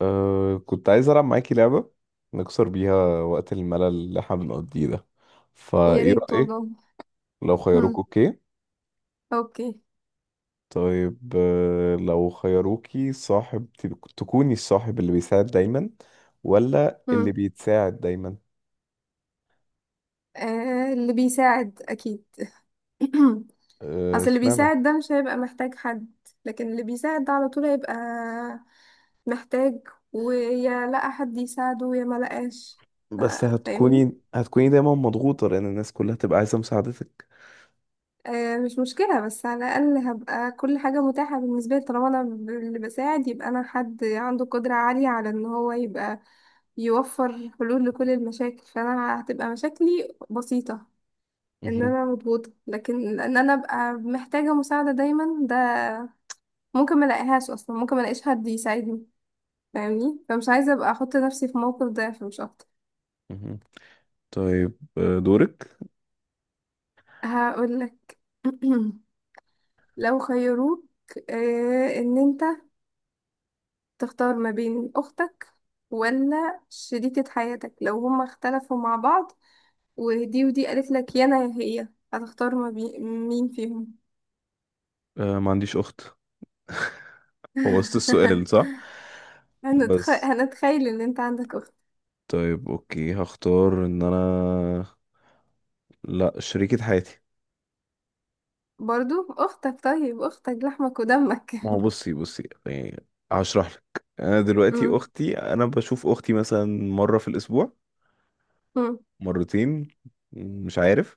كنت عايز ألعب معاكي لعبة نكسر بيها وقت الملل اللي احنا بنقضيه ده، يا فإيه ريت رأيك؟ والله. لو خيروك. مم. أوكي. اوكي. طيب، لو خيروكي صاحب تكوني الصاحب اللي بيساعد دايما، ولا اللي مم. بيتساعد دايما؟ آه، اللي بيساعد اكيد. اصل اللي اشمعنى؟ بيساعد ده مش هيبقى محتاج حد، لكن اللي بيساعد ده على طول هيبقى محتاج، ويا لقى حد يساعده يا ما لقاش. ف- بس فاهمني. هتكوني دايما مضغوطة لأن الناس كلها تبقى عايزة مساعدتك. آه، مش مشكلة، بس على الأقل هبقى كل حاجة متاحة بالنسبة لي، طالما أنا اللي بساعد، يبقى أنا حد عنده قدرة عالية على إن هو يبقى يوفر حلول لكل المشاكل، فأنا هتبقى مشاكلي بسيطة. ان مهم. انا مضغوطه، لكن ان انا ابقى محتاجه مساعده دايما ده ممكن ما الاقيهاش اصلا، ممكن ما الاقيش حد يساعدني. فاهمني، فمش عايزه ابقى احط نفسي في موقف ده، فمش اكتر. مهم. طيب دورك. هقول لك. لو خيروك ان انت تختار ما بين اختك ولا شريكة حياتك، لو هما اختلفوا مع بعض، ودي قالت لك يا انا يا هي، هتختار ما بين مين فيهم؟ ما عنديش أخت. بوظت السؤال صح. بس هنتخيل ان انت عندك اخت. طيب، اوكي هختار ان انا لا شريكة حياتي. برضو اختك، طيب اختك لحمك ودمك. ما هو بصي بصي، يعني هشرح لك. انا دلوقتي مم. اختي، انا بشوف اختي مثلا مرة في الاسبوع، مم. مرتين، مش عارف.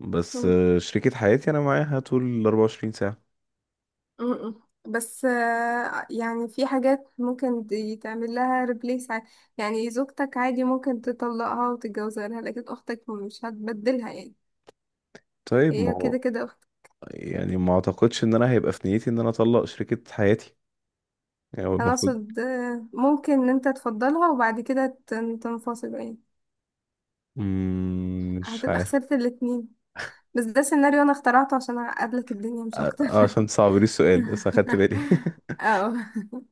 بس مم. شريكة حياتي انا معاها طول ال 24 ساعة. مم. بس يعني في حاجات ممكن دي تعمل لها ريبليس، يعني زوجتك عادي ممكن تطلقها وتتجوز غيرها، لكن اختك مش هتبدلها يعني، طيب ما هي هو، كده كده اختك. يعني ما اعتقدش ان انا هيبقى في نيتي ان انا اطلق شريكة حياتي. يعني هو انا المفروض. اقصد ممكن ان انت تفضلها وبعد كده تنفصلوا يعني، مش هتبقى عارف. خسرت الاتنين. بس ده سيناريو انا اخترعته عشان اعقدلك الدنيا مش اكتر. عشان صعب لي السؤال بس اخدت بالي. اه.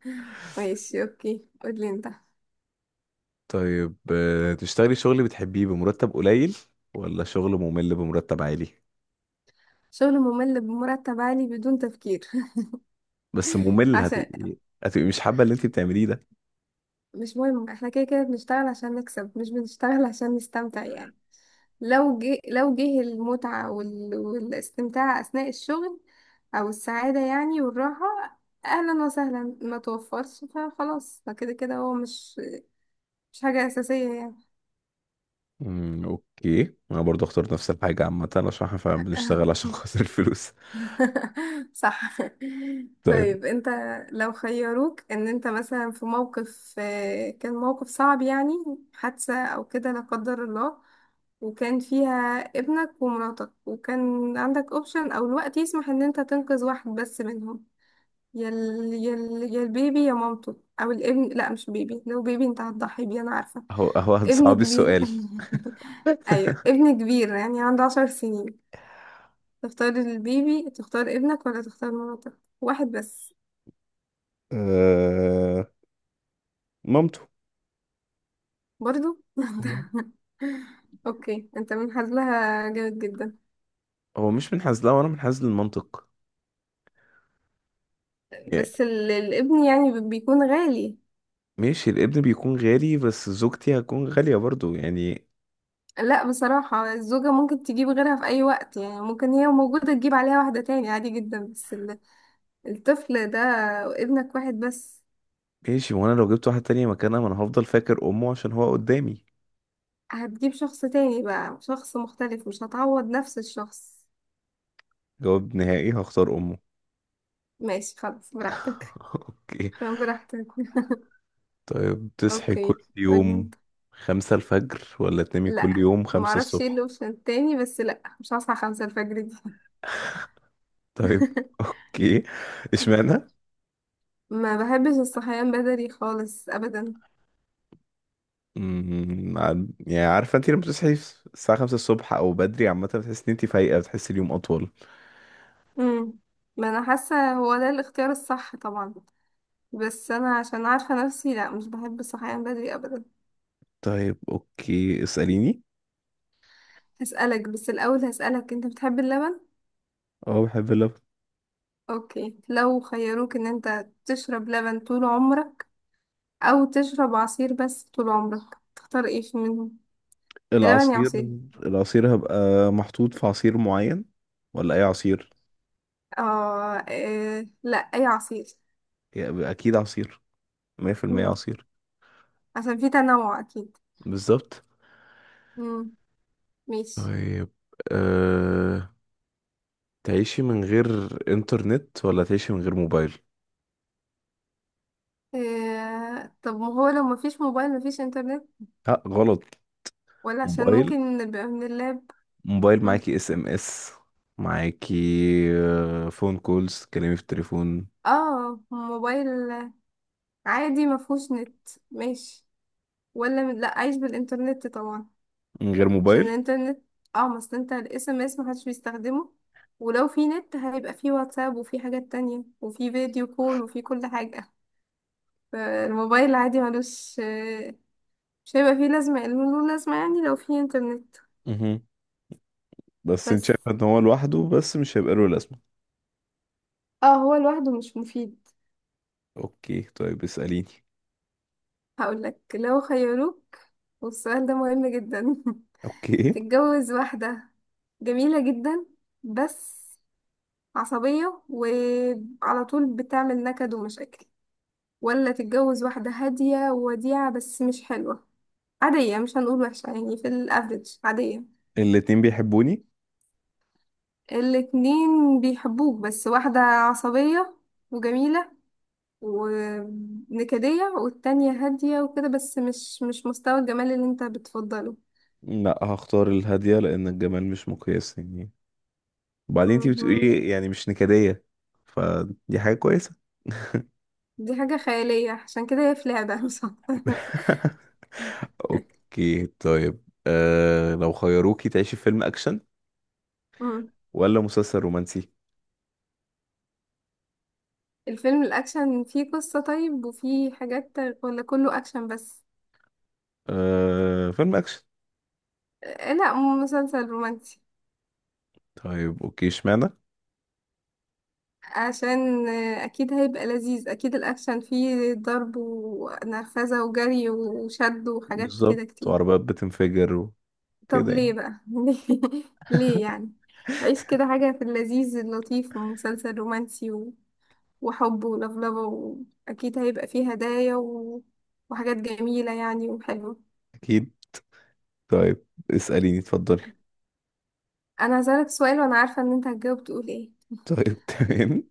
ماشي، اوكي، قولي انت. طيب، تشتغلي شغل بتحبيه بمرتب قليل، ولا شغل ممل بمرتب عالي؟ شغل ممل بمرتب عالي بدون تفكير. بس ممل، عشان هتبقي مش حابة اللي انت بتعمليه ده. مش مهم، احنا كده كده بنشتغل عشان نكسب، مش بنشتغل عشان نستمتع يعني. لو جه المتعة والاستمتاع أثناء الشغل، أو السعادة يعني والراحة، أهلا وسهلا؛ ما توفرش فخلاص، فكده كده هو مش حاجة أساسية يعني. اوكي، انا برضو اختار نفس الحاجة عامة عشان احنا فعلا بنشتغل عشان خاطر الفلوس. صح. طيب. طيب انت، لو خيروك ان انت مثلا في موقف، كان موقف صعب يعني، حادثة او كده لا قدر الله، وكان فيها ابنك ومراتك، وكان عندك اوبشن او الوقت يسمح ان انت تنقذ واحد بس منهم، يا البيبي يا مامته، او الابن. لا مش بيبي، لو بيبي انت هتضحي بيه انا عارفة، هو ابن صعب كبير. السؤال. ايوه ابن كبير، يعني عنده 10 سنين، تختار البيبي تختار ابنك ولا تختار مراتك، واحد بس. أه... مامته. برضو. انت؟ مهم. اوكي، انت من حظها جامد جدا. هو مش منحاز، لا وانا منحاز للمنطق يعني. بس الابن يعني بيكون غالي. ماشي، الابن بيكون غالي بس زوجتي هتكون غالية برضو يعني. لا بصراحة، الزوجة ممكن تجيب غيرها في أي وقت يعني، ممكن هي موجودة تجيب عليها واحدة تاني عادي جدا، بس الطفل ده، ابنك واحد بس. ماشي، وانا لو جبت واحد تاني مكانها، ما انا هفضل فاكر امه عشان هو قدامي. هتجيب شخص تاني بقى، شخص مختلف، مش هتعوض نفس الشخص. جواب نهائي هختار أمه. ماشي خلاص، براحتك. أوكي. براحتك. طيب، تصحي اوكي، كل قولي. يوم خمسة الفجر ولا تنامي كل لا، يوم ما خمسة اعرفش ايه الصبح؟ الاوبشن التاني، بس لا، مش هصحى 5 الفجر دي. طيب. أوكي. اشمعنى؟ ما بحبش الصحيان بدري خالص ابدا. يعني عارفة أنت لما بتصحي الساعة خمسة الصبح أو بدري عامة، بتحسي إن أنت فايقة، بتحسي اليوم أطول. امم، ما انا حاسه هو ده الاختيار الصح طبعا، بس انا عشان عارفه نفسي، لا مش بحب الصحيان بدري ابدا. طيب أوكي، اسأليني. هسألك، بس الاول هسألك، انت بتحب اللبن؟ أه، بحب اللبن. اوكي، لو خيروك ان انت تشرب لبن طول عمرك، او تشرب عصير بس طول عمرك، تختار ايه في منهم؟ يا لبن يا العصير. عصير. العصير هبقى محطوط في عصير معين ولا أي عصير؟ اه، إيه، لا اي عصير. يعني أكيد عصير. مية في المية عصير. عشان في تنوع اكيد. بالظبط. امم، ماشي. طيب أه... تعيشي من غير انترنت، ولا تعيشي من غير موبايل؟ طب ما هو لو مفيش موبايل مفيش انترنت؟ لا غلط. ولا عشان موبايل. ممكن نبقى من اللاب. موبايل مم. معاكي اس ام اس، معاكي فون كولز، تكلمي في التليفون. اه موبايل، عادي مفهوش نت ماشي، لا عايش بالانترنت طبعا، من غير عشان موبايل. الانترنت. اه، ما اصل انت الاس ام اس محدش بيستخدمه، ولو في نت هيبقى في واتساب، وفي حاجات تانية، وفي فيديو كول، وفي كل حاجة. فالموبايل عادي ملوش مش هيبقى فيه لازمة، له لازمة يعني لو فيه انترنت. مهم. بس انت بس شايفه ان هو لوحده بس مش هيبقى له لازمه. اه، هو لوحده مش مفيد. اوكي، طيب اساليني. هقولك، لو خيروك، والسؤال ده مهم جدا، اوكي. تتجوز واحدة جميلة جدا، بس عصبية، وعلى طول بتعمل نكد ومشاكل، ولا تتجوز واحدة هادية ووديعة بس مش حلوة، عادية، مش هنقول وحشة يعني، في الافريج عادية. الاتنين بيحبوني. الاتنين بيحبوك، بس واحدة عصبية وجميلة ونكدية، والتانية هادية وكده بس مش مستوى الجمال اللي انت بتفضله. لا، هختار الهاديه لان الجمال مش مقياس يعني. وبعدين انت مهم. بتقولي يعني مش نكديه، فدي حاجه كويسه. دي حاجة خيالية، عشان كده هي في لعبة مش أكتر. اوكي. طيب لو خيروكي تعيشي في فيلم اكشن مم. ولا مسلسل رومانسي؟ الفيلم الأكشن فيه قصة طيب وفيه حاجات، ولا كله أكشن بس؟ فيلم اكشن. لا مسلسل رومانسي. طيب اوكي، اشمعنى؟ عشان أكيد هيبقى لذيذ. أكيد الأكشن فيه ضرب ونرفزة وجري وشد وحاجات كده بالظبط، كتير. وعربيات بتنفجر طب وكده ليه يعني. بقى؟ ليه، ليه يعني؟ عيش كده حاجة في اللذيذ اللطيف، ومسلسل رومانسي وحب ولفلفة، وأكيد هيبقى فيه هدايا وحاجات جميلة يعني وحلوة. اكيد. طيب اسأليني، اتفضلي. أنا هسألك سؤال، وأنا عارفة إن أنت هتجاوب تقول إيه. طيب. تمام.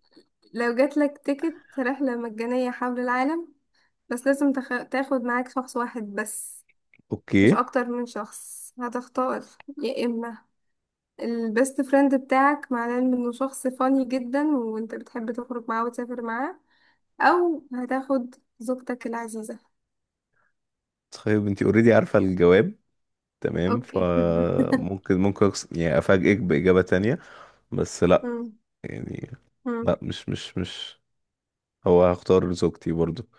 لو جاتلك تيكت رحلة مجانية حول العالم، بس لازم تاخد معاك شخص واحد بس، مش اوكي. أكتر من شخص. هتختار يا إما البيست فريند بتاعك، معناه انه شخص فاني جدا وانت بتحب تخرج معاه وتسافر معاه، او هتاخد زوجتك العزيزة. طيب، انتي اوريدي عارفة الجواب تمام، اوكي. فممكن يعني افاجئك بإجابة تانية. بس لا، مم. يعني مم. لا. مش مش مش هختار زوجتي برضو.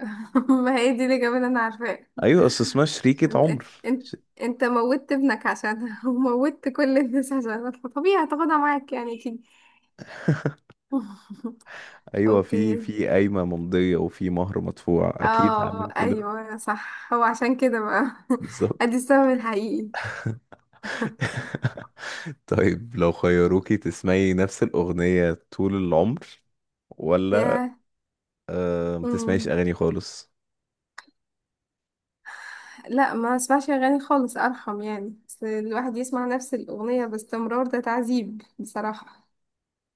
ما هي دي الإجابة اللي أنا عارفاها. ايوه، اصل اسمها شريكة عمر. انت، انت موتت ابنك عشانها، وموتت كل الناس عشانها، فطبيعي هتاخدها معاك يعني اكيد. ايوه، في اوكي. في قايمه ممضيه، وفي مهر مدفوع، اكيد اه هعمل كل ده. ايوه صح، هو عشان كده بقى بالظبط. ادي السبب الحقيقي. طيب، لو خيروكي تسمعي نفس الاغنيه طول العمر، ولا ما يا تسمعيش اغاني خالص؟ لا، ما اسمعش اغاني خالص ارحم يعني، بس الواحد يسمع نفس الاغنيه باستمرار، ده تعذيب بصراحه.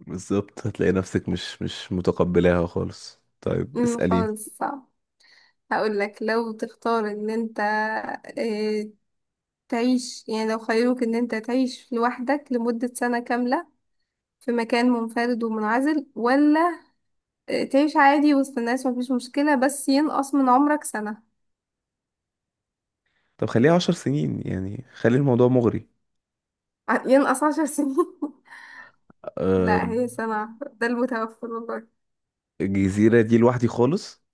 بالظبط، هتلاقي نفسك مش متقبلاها خالص. طيب امم، اسأليني. خالص صعب. هقول لك، لو تختار ان انت آه، تعيش يعني، لو خيروك ان انت تعيش لوحدك لمده سنه كامله في مكان منفرد ومنعزل، ولا تعيش عادي وسط الناس مفيش مشكله، بس ينقص من عمرك سنه. طب خليها عشر سنين يعني، خلي الموضوع مغري. ينقص 10 سنين؟ لا أه. هي سنه ده المتوفر والله. الجزيرة دي لوحدي خالص.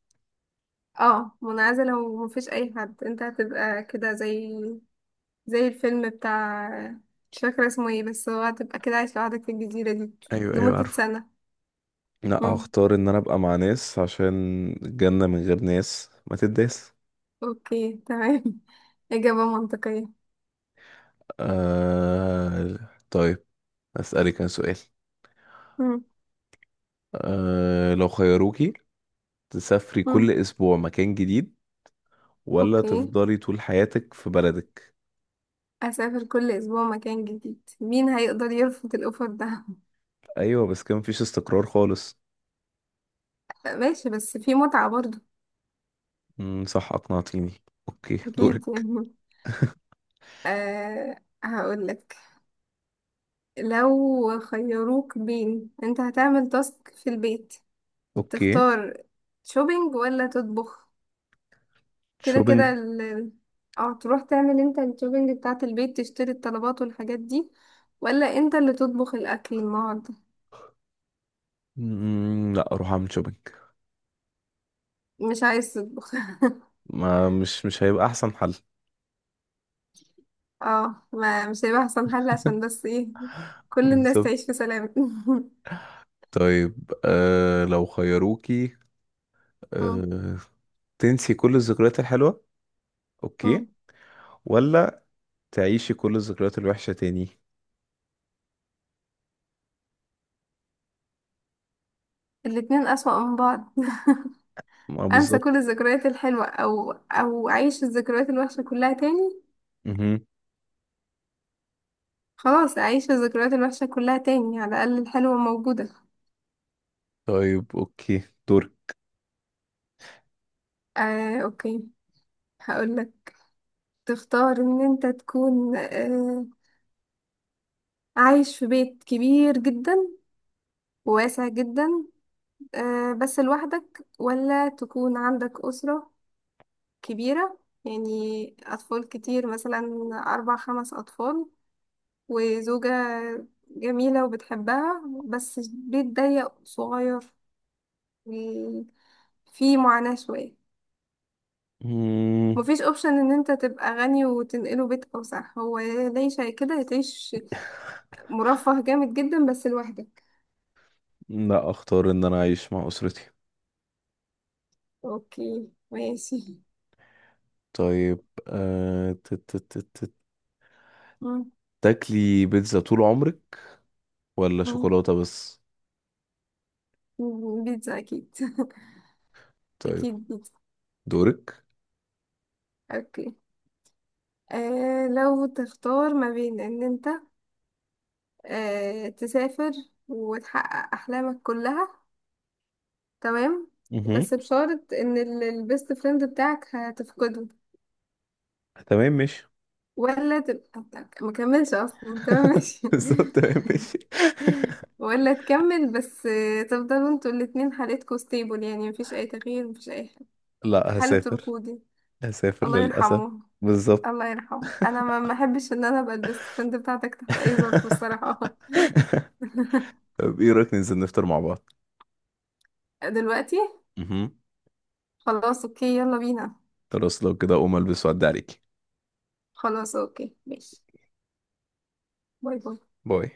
اه منعزلة ومفيش أي حد، انت هتبقى كده زي زي الفيلم بتاع، مش فاكرة اسمه ايه، بس هو هتبقى كده عايش لوحدك في الجزيرة دي ايوه ايوه لمدة عارفه. سنة. لا، مم. هختار ان انا ابقى مع ناس، عشان الجنة من غير ناس ما تداس. اوكي تمام. إجابة منطقية. آه... طيب، أسألك أنا سؤال. مم. لو خيروكي تسافري كل مم. أسبوع مكان جديد، ولا اوكي، تفضلي طول حياتك في بلدك؟ أسافر كل أسبوع مكان جديد، مين هيقدر يرفض الأوفر ده؟ أيوة، بس كان مفيش استقرار خالص. ماشي، بس في متعة برضه. مم، صح، أقنعتيني. أوكي أكيد يعني. دورك. أه، هقولك، لو خيروك بين انت هتعمل تاسك في البيت، أوكي. تختار شوبينج ولا تطبخ؟ كده شوبينج. كده اه تروح تعمل انت الشوبينج بتاعة البيت، تشتري الطلبات والحاجات دي، ولا انت اللي تطبخ الاكل النهارده. مم، لا أروح أعمل شوبينج. مش عايز تطبخ؟ ما مش هيبقى أحسن حل. اه، ما مش هيبقى احسن حل عشان بس ايه، كل الناس بالظبط. تعيش في سلام. طيب لو خيروكي مم، آه... تنسي كل الذكريات الحلوة، أوكي، مم. ولا تعيشي كل الذكريات الوحشة تاني؟ الاتنين اسوأ من بعض. ما انسى كل بالظبط. الذكريات الحلوة او او اعيش الذكريات الوحشة كلها تاني؟ مهم. خلاص، اعيش الذكريات الوحشة كلها تاني، على الاقل الحلوة موجودة. طيب اوكي، دور. اوكي، هقول لك، تختار ان انت تكون عايش في بيت كبير جدا وواسع جدا، بس لوحدك، ولا تكون عندك أسرة كبيرة يعني، أطفال كتير مثلا، أربع خمس أطفال، وزوجة جميلة وبتحبها، بس بيت ضيق صغير، و- فيه معاناة شوية. مم، مفيش اوبشن ان انت تبقى غني وتنقله بيت اوسع، هو يا تعيش كده يا تعيش مرفه جامد جدا بس لوحدك. لا اختار ان انا اعيش مع اسرتي. اوكي ماشي. طيب ت- مم، تاكلي بيتزا طول عمرك ولا مم، شوكولاتة بس؟ مم، بيتزا اكيد. طيب. اكيد بيتزا. دورك. اوكي. آه. لو تختار ما بين ان انت آه تسافر وتحقق احلامك كلها، تمام، مهم. بس بشرط ان البيست فريند بتاعك هتفقده، تمام ماشي. ولا تبقى ما كملش اصلا. تمام ماشي. بالظبط، تمام ماشي. ولا تكمل، بس تفضلوا انتوا الاتنين حالتكوا ستيبل يعني، مفيش اي تغيير مفيش اي حاجة. لا، حالة هسافر. ركودي. هسافر الله للأسف. يرحمه. بالظبط. الله يرحمه، انا ما احبش ان انا ابقى البيست فريند بتاعتك تحت اي ظرف الصراحه. طب ايه رأيك ننزل نفطر مع بعض؟ دلوقتي؟ مهم. خلاص اوكي يلا بينا. خلاص، لو كده اقوم البس وأعدي عليكي. خلاص اوكي ماشي. باي باي. باي.